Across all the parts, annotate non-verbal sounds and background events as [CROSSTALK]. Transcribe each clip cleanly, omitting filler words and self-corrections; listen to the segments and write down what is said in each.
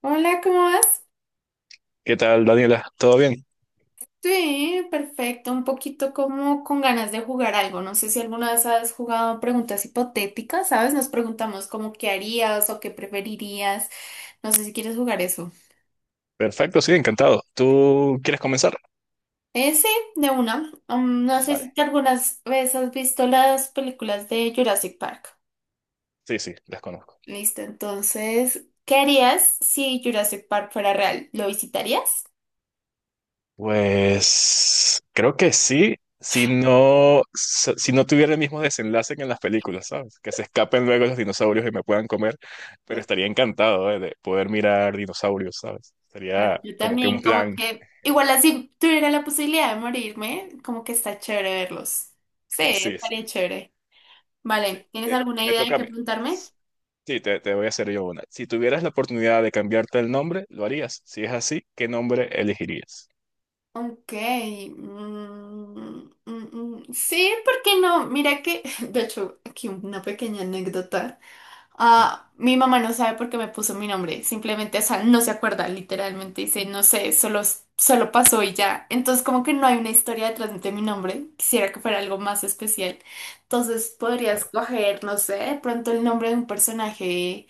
Hola, ¿cómo vas? ¿Qué tal, Daniela? ¿Todo bien? Sí, perfecto, un poquito como con ganas de jugar algo. No sé si alguna vez has jugado preguntas hipotéticas, ¿sabes? Nos preguntamos como qué harías o qué preferirías. No sé si quieres jugar eso. Perfecto, sí, encantado. ¿Tú quieres comenzar? Sí, de una. No sé si Vale. te algunas veces has visto las películas de Jurassic Park. Sí, sí, las conozco. Listo, entonces, ¿qué harías si Jurassic Park fuera real? ¿Lo visitarías? Pues creo que sí, si no, si no tuviera el mismo desenlace que en las películas, ¿sabes? Que se escapen luego los dinosaurios y me puedan comer, pero estaría encantado, de poder mirar dinosaurios, ¿sabes? Claro, Sería yo como que un también, como plan. que, igual así tuviera la posibilidad de morirme, como que está chévere verlos. Sí, [LAUGHS] Sí, sí, estaría chévere. sí. Vale, ¿tienes Eh, alguna me idea de toca a qué mí. preguntarme? Sí, te voy a hacer yo una. Si tuvieras la oportunidad de cambiarte el nombre, ¿lo harías? Si es así, ¿qué nombre elegirías? Ok. mm, mm, sí, ¿por qué no? Mira que, [LAUGHS] de hecho, aquí una pequeña anécdota. Mm. Ah, mi mamá no sabe por qué me puso mi nombre, simplemente, o sea, no se acuerda, literalmente dice, no sé, solo, solo pasó y ya. Entonces, como que no hay una historia detrás de mi nombre, quisiera que fuera algo más especial. Entonces, podrías Vale. coger, no sé, de pronto el nombre de un personaje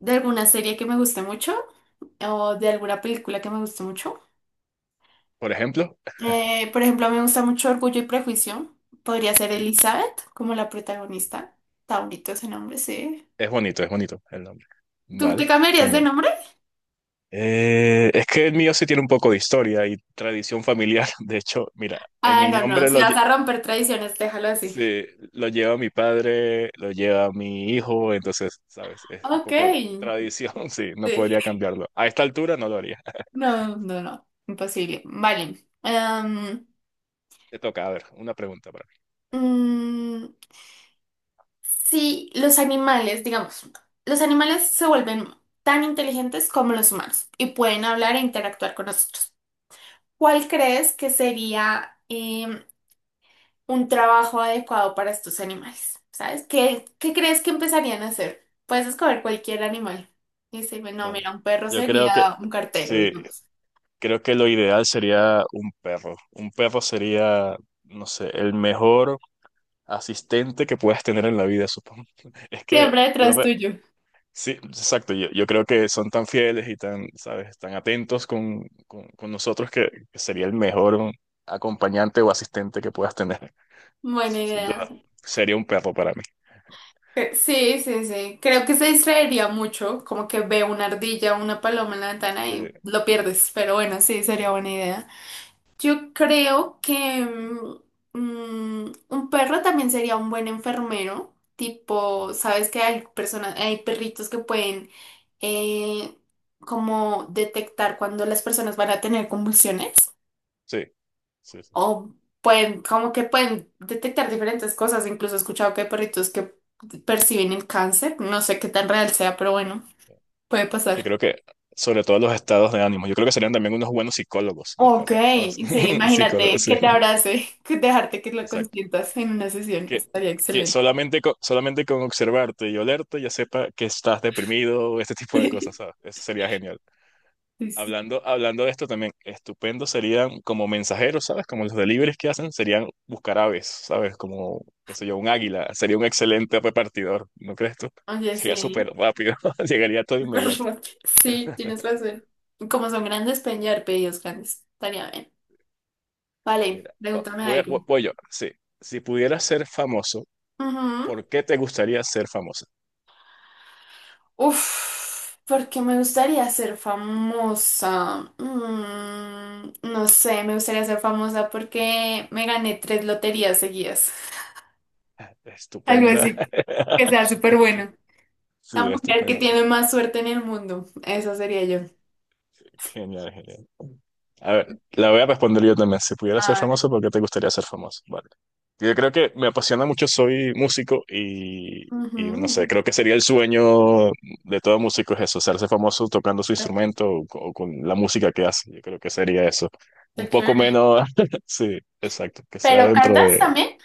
de alguna serie que me guste mucho o de alguna película que me guste mucho. Por ejemplo, Por ejemplo, me gusta mucho Orgullo y Prejuicio, podría ser sí. Elizabeth como la protagonista. Está bonito ese nombre, sí. Es bonito, es bonito el nombre. ¿Tú te Vale, cambiarías de genial. nombre? Es que el mío sí tiene un poco de historia y tradición familiar. [LAUGHS] De hecho, mira, en Ah, mi no, no, nombre, si vas a romper tradiciones, déjalo así. sí, lo lleva mi padre, lo lleva mi hijo, entonces, ¿sabes? Es un Ok, poco tradición, [LAUGHS] sí, no sí. podría cambiarlo. A esta altura no lo haría. No, no, no, imposible. Vale. [LAUGHS] Te toca, a ver, una pregunta para mí. mm, sí, los animales, digamos, los animales se vuelven tan inteligentes como los humanos y pueden hablar e interactuar con nosotros. ¿Cuál crees que sería un trabajo adecuado para estos animales? ¿Sabes? ¿Qué, qué crees que empezarían a hacer? Puedes escoger cualquier animal. Y decirme, no, Vale. mira, un perro Yo creo que, sería un cartero, sí, digamos. creo que lo ideal sería un perro. Un perro sería, no sé, el mejor asistente que puedas tener en la vida, supongo. [LAUGHS] Es que, Siempre yo detrás ve- tuyo. sí, exacto, yo creo que son tan fieles y tan, ¿sabes? Tan atentos con nosotros, que sería el mejor acompañante o asistente que puedas tener. [LAUGHS] Buena Sin idea. duda, sería un perro para mí. Sí, sí, sí. Creo que se distraería mucho, como que ve una ardilla o una paloma en la ventana y Eh, lo pierdes, pero bueno, sí, sería buena idea. Yo creo que un perro también sería un buen enfermero, tipo, sabes que hay personas, hay perritos que pueden eh, como detectar cuando las personas van a tener convulsiones. Sí, sí, sí. O pueden, como que pueden detectar diferentes cosas. Incluso he escuchado que hay perritos que perciben el cáncer. No sé qué tan real sea, pero bueno, puede Sí, pasar. creo que sobre todo los estados de ánimo. Yo creo que serían también unos buenos psicólogos los Ok, perros, ¿sabes? sí, [LAUGHS] Psicólogos, imagínate sí. que te abrace, [LAUGHS] que dejarte que lo Exacto. consientas en una sesión. Que, Estaría que excelente. solamente con observarte y olerte ya sepa que estás deprimido o este tipo de cosas, ¿sabes? [LAUGHS] Eso sería genial. Sí, sí. Hablando de esto también, estupendo serían como mensajeros, ¿sabes? Como los deliveries que hacen, serían buscar aves, ¿sabes? Como, qué sé yo, un águila. Sería un excelente repartidor, ¿no crees tú? [LAUGHS] Oye, Sería súper sí. rápido, [LAUGHS] llegaría todo [LAUGHS] inmediato. Perro. Sí, tienes [LAUGHS] razón. Como son grandes, pueden llevar pedidos grandes. Estaría bien. Vale, Mira, va- pregúntame voy, a- algo. voy, voy yo, sí. Si pudieras ser famoso, Ujú. ¿por qué te gustaría ser famoso? Uf, porque me gustaría ser famosa. No sé, me gustaría ser famosa porque me gané tres loterías seguidas. [LAUGHS] Algo Estupenda. así, que sea [LAUGHS] súper bueno. La Sí, mujer que estupenda. tiene más suerte en el mundo. Eso sería yo. Genial, genial. A ver, la voy a responder yo también. Si pudiera ser Ah, famoso, ¿por qué te gustaría ser famoso? Vale. Yo creo que me apasiona mucho, soy músico y no sé, ujú, creo que sería el sueño de todo músico es eso, hacerse famoso tocando su instrumento o con la música que hace. Yo creo que sería eso. Un está poco chévere. menos, [LAUGHS] sí, exacto, que sea ¿Pero dentro cantas de... también?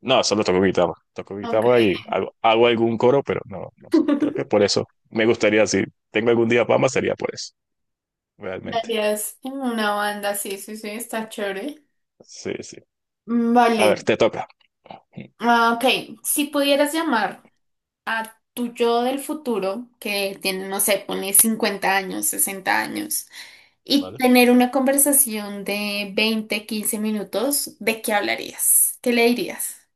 No, solo toco guitarra, toco Ok. guitarra y hago algún coro, pero no, no sé. Creo que [LAUGHS] por eso me gustaría, si tengo algún día fama, sería por eso, realmente. Darías en una banda, sí, sí, sí, está chévere. Sí, sí. A ver, Vale. te toca. Ah, ok, si pudieras llamar a tu yo del futuro, que tiene, no sé, pone 50 años, 60 años, y ¿Vale? tener una conversación de 20 15 minutos, ¿de qué hablarías? ¿Qué le dirías?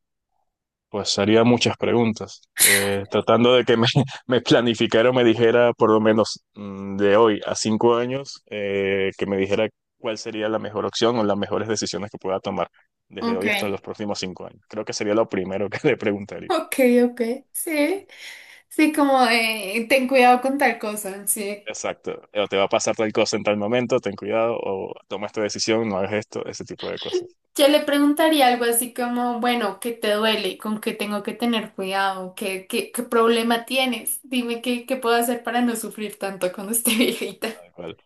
Pues haría muchas preguntas, tratando de que me, [LAUGHS] me planificara o me dijera, por lo menos, de hoy a 5 años, que me dijera cuál sería la mejor opción o las mejores decisiones que pueda tomar desde Ok, hoy hasta los próximos 5 años. Creo que sería lo primero que [LAUGHS] le preguntaría. ok, ok, sí. Sí, como de, ten cuidado con tal cosa, sí. Exacto. O te va a pasar tal cosa en tal momento, ten cuidado, o toma esta decisión, no hagas esto, ese tipo de cosas. Yo le preguntaría algo así como, bueno, ¿qué te duele? ¿Con qué tengo que tener cuidado? ¿Qué, qué, qué problema tienes? Dime qué, qué puedo hacer para no sufrir tanto cuando esté [LAUGHS] viejita. Tal cual.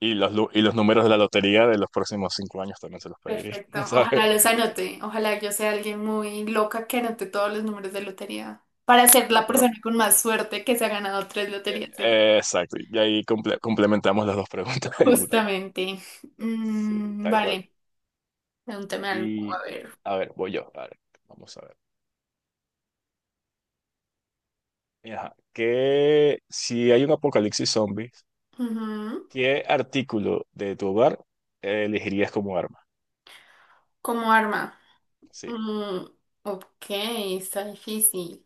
Y los números de la lotería de los próximos 5 años también se los pediría, Perfecto. [LAUGHS] ¿sabes? Ojalá los anote. Ojalá yo sea alguien muy loca que anote todos los números de lotería para ser O la por, persona con más suerte que se ha ganado tres loterías seguidas. Exacto, y ahí complementamos las dos preguntas en una. Justamente. Sí, tal cual. Vale. Pregúntame algo. Y A ver. a ver, voy yo. A ver, vamos a ver. Ajá. Si hay un apocalipsis zombies, Ujú. ¿qué artículo de tu hogar elegirías como arma? Como arma. Sí, Mm, ok, está difícil.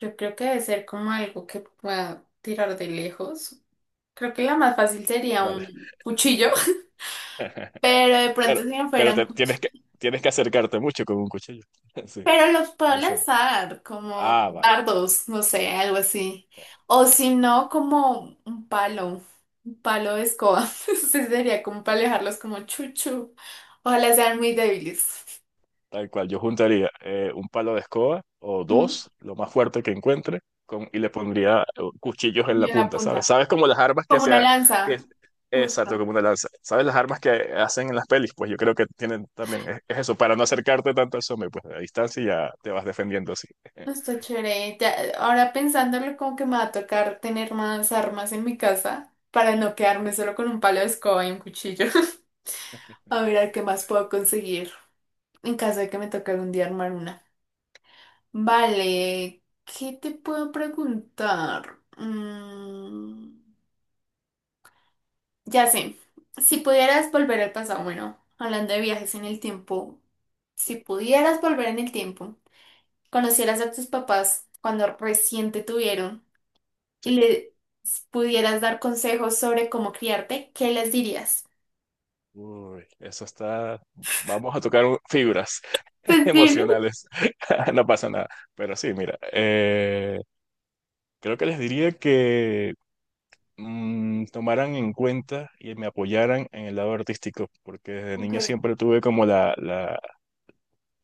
Yo creo que debe ser como algo que pueda tirar de lejos. Creo que la más fácil sería dale. un cuchillo, [LAUGHS] [LAUGHS] pero de pronto si Claro, no fuera pero un cuchillo. tienes que acercarte mucho con un cuchillo. [LAUGHS] Sí, Pero los puedo al zombie. lanzar como Ah, vale. dardos, no sé, algo así. O si no, como un palo de escoba. [LAUGHS] Sí, sería como para alejarlos como chuchu. Ojalá sean muy débiles. Tal cual, yo juntaría un palo de escoba o Ujú. dos, lo más fuerte que encuentre, y le pondría cuchillos en Y la en la punta, ¿sabes? punta. ¿Sabes como las armas que Como se... una ha- lanza, Que, exacto, justo. como una lanza. ¿Sabes las armas que hacen en las pelis? Pues yo creo que tienen también. Es eso, para no acercarte tanto al zombie, pues a distancia ya te vas defendiendo así. [LAUGHS] Está chévere. Ya, ahora pensándolo, como que me va a tocar tener más armas en mi casa para no quedarme solo con un palo de escoba y un cuchillo. [LAUGHS] A ver qué más puedo conseguir en caso de que me toque algún día armar una. Vale, ¿qué te puedo preguntar? Ya sé, si pudieras volver al pasado, bueno, hablando de viajes en el tiempo, si pudieras volver en el tiempo, conocieras a tus papás cuando recién te tuvieron Sí. y les pudieras dar consejos sobre cómo criarte, ¿qué les dirías? Uy, eso está. Vamos a tocar fibras [LAUGHS] Pues dile. emocionales. [LAUGHS] No pasa nada. Pero sí, mira, creo que les diría que tomaran en cuenta y me apoyaran en el lado artístico, porque desde Ok. niño siempre tuve como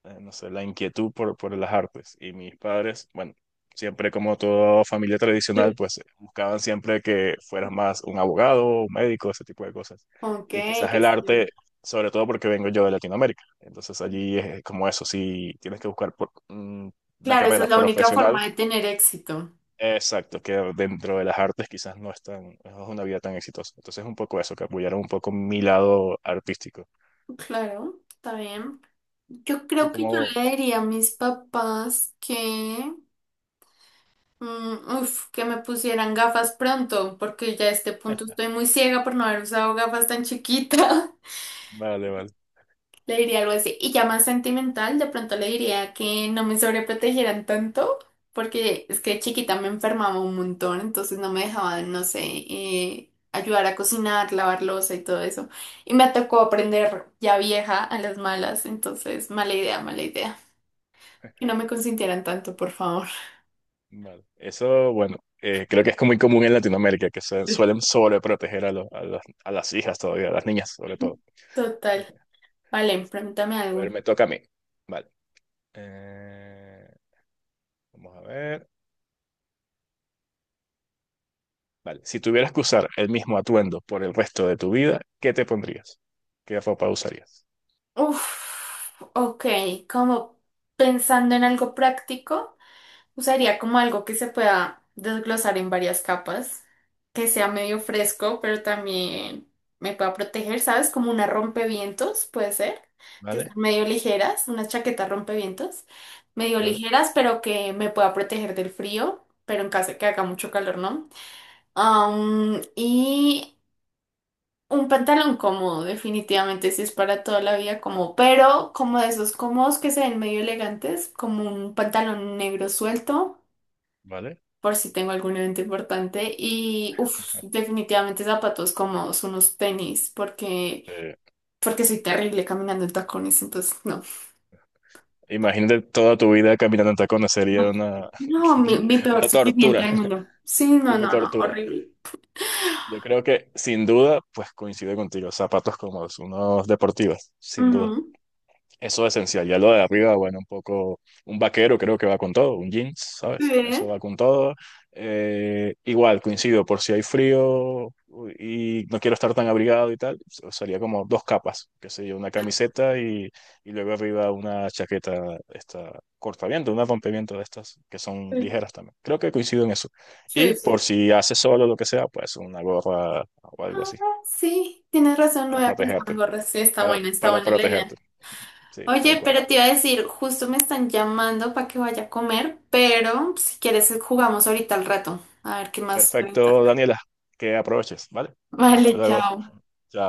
no sé, la inquietud por las artes. Y mis padres, bueno, siempre como toda familia tradicional, Sí. pues buscaban siempre que fueras más un abogado, un médico, ese tipo de cosas. Ok, Y qué quizás el arte, chévere. sobre todo porque vengo yo de Latinoamérica. Entonces allí es como eso, si tienes que buscar por, una Claro, esa es carrera la única profesional. forma de tener éxito. Exacto, que dentro de las artes quizás no es una vida tan exitosa. Entonces un poco eso, que apoyaron un poco mi lado artístico. Claro, está bien. Yo ¿Tú creo que yo cómo? le diría a Sí, mis papás que, uf, que me pusieran gafas pronto, porque ya a este punto estoy muy ciega por no haber usado gafas tan chiquita. [LAUGHS] vale, vale, Le diría algo así. Y ya más sentimental, de pronto le diría que no me sobreprotegieran tanto, porque es que de chiquita me enfermaba un montón, entonces no me dejaban, no sé, ayudar a cocinar, lavar loza y todo eso. Y me tocó aprender ya vieja a las malas, entonces mala idea, mala idea. Que no me consintieran tanto, por favor. vale. Eso, bueno, creo que es muy común en Latinoamérica, que se suelen sobreproteger a las hijas todavía, a las niñas sobre todo. [LAUGHS] Total. Vale, pregúntame A algo. ver, me toca a mí. Vale. Eh, vamos a ver. Vale. Si tuvieras que usar el mismo atuendo por el resto de tu vida, ¿qué te pondrías? ¿Qué ropa usarías? Uf, ok, como pensando en algo práctico, usaría como algo que se pueda desglosar en varias capas, que sea medio fresco, pero también me pueda proteger, ¿sabes? Como una rompevientos, puede ser, que ¿Vale? sean medio ligeras, una chaqueta rompevientos, medio ¿Vale? ligeras, pero que me pueda proteger del frío, pero en caso de que haga mucho calor, ¿no? Y un pantalón cómodo, definitivamente, si es para toda la vida como, pero como de esos cómodos que se ven medio elegantes, como un pantalón negro suelto, ¿Vale? por si tengo algún evento importante, y uff, definitivamente zapatos cómodos, unos tenis, porque, porque soy terrible caminando en tacones, entonces no. Imagínate toda tu vida caminando en tacones, sería No, una, no, mi, [LAUGHS] mi peor una sufrimiento tortura, del mundo. Sí, no, una no, no, tortura. horrible. Yo creo que sin duda, pues coincido contigo, zapatos cómodos, unos deportivos, sin duda. Ujú. Eso es esencial. Ya lo de arriba, bueno, un poco, un vaquero creo que va con todo, un jeans, ¿sabes? Sí, Eso va con todo. Igual, coincido, por si hay frío y no quiero estar tan abrigado y tal, sería como dos capas, que yo una camiseta y luego arriba una chaqueta, esta, cortaviento, una rompeviento de estas, que son ligeras también. Creo que coincido en eso. Y sí, sí. por si hace solo lo que sea, pues una gorra o Ah, algo así, sí, tienes razón, no para había pensado en protegerte, gorras. Sí, para, está para buena la protegerte, idea. sí, tal Oye, cual. pero te iba a decir, justo me están llamando para que vaya a comer, pero si quieres jugamos ahorita al rato. A ver qué más preguntas. Perfecto, Daniela, que aproveches, ¿vale? Hasta Vale, luego. chao. Chao.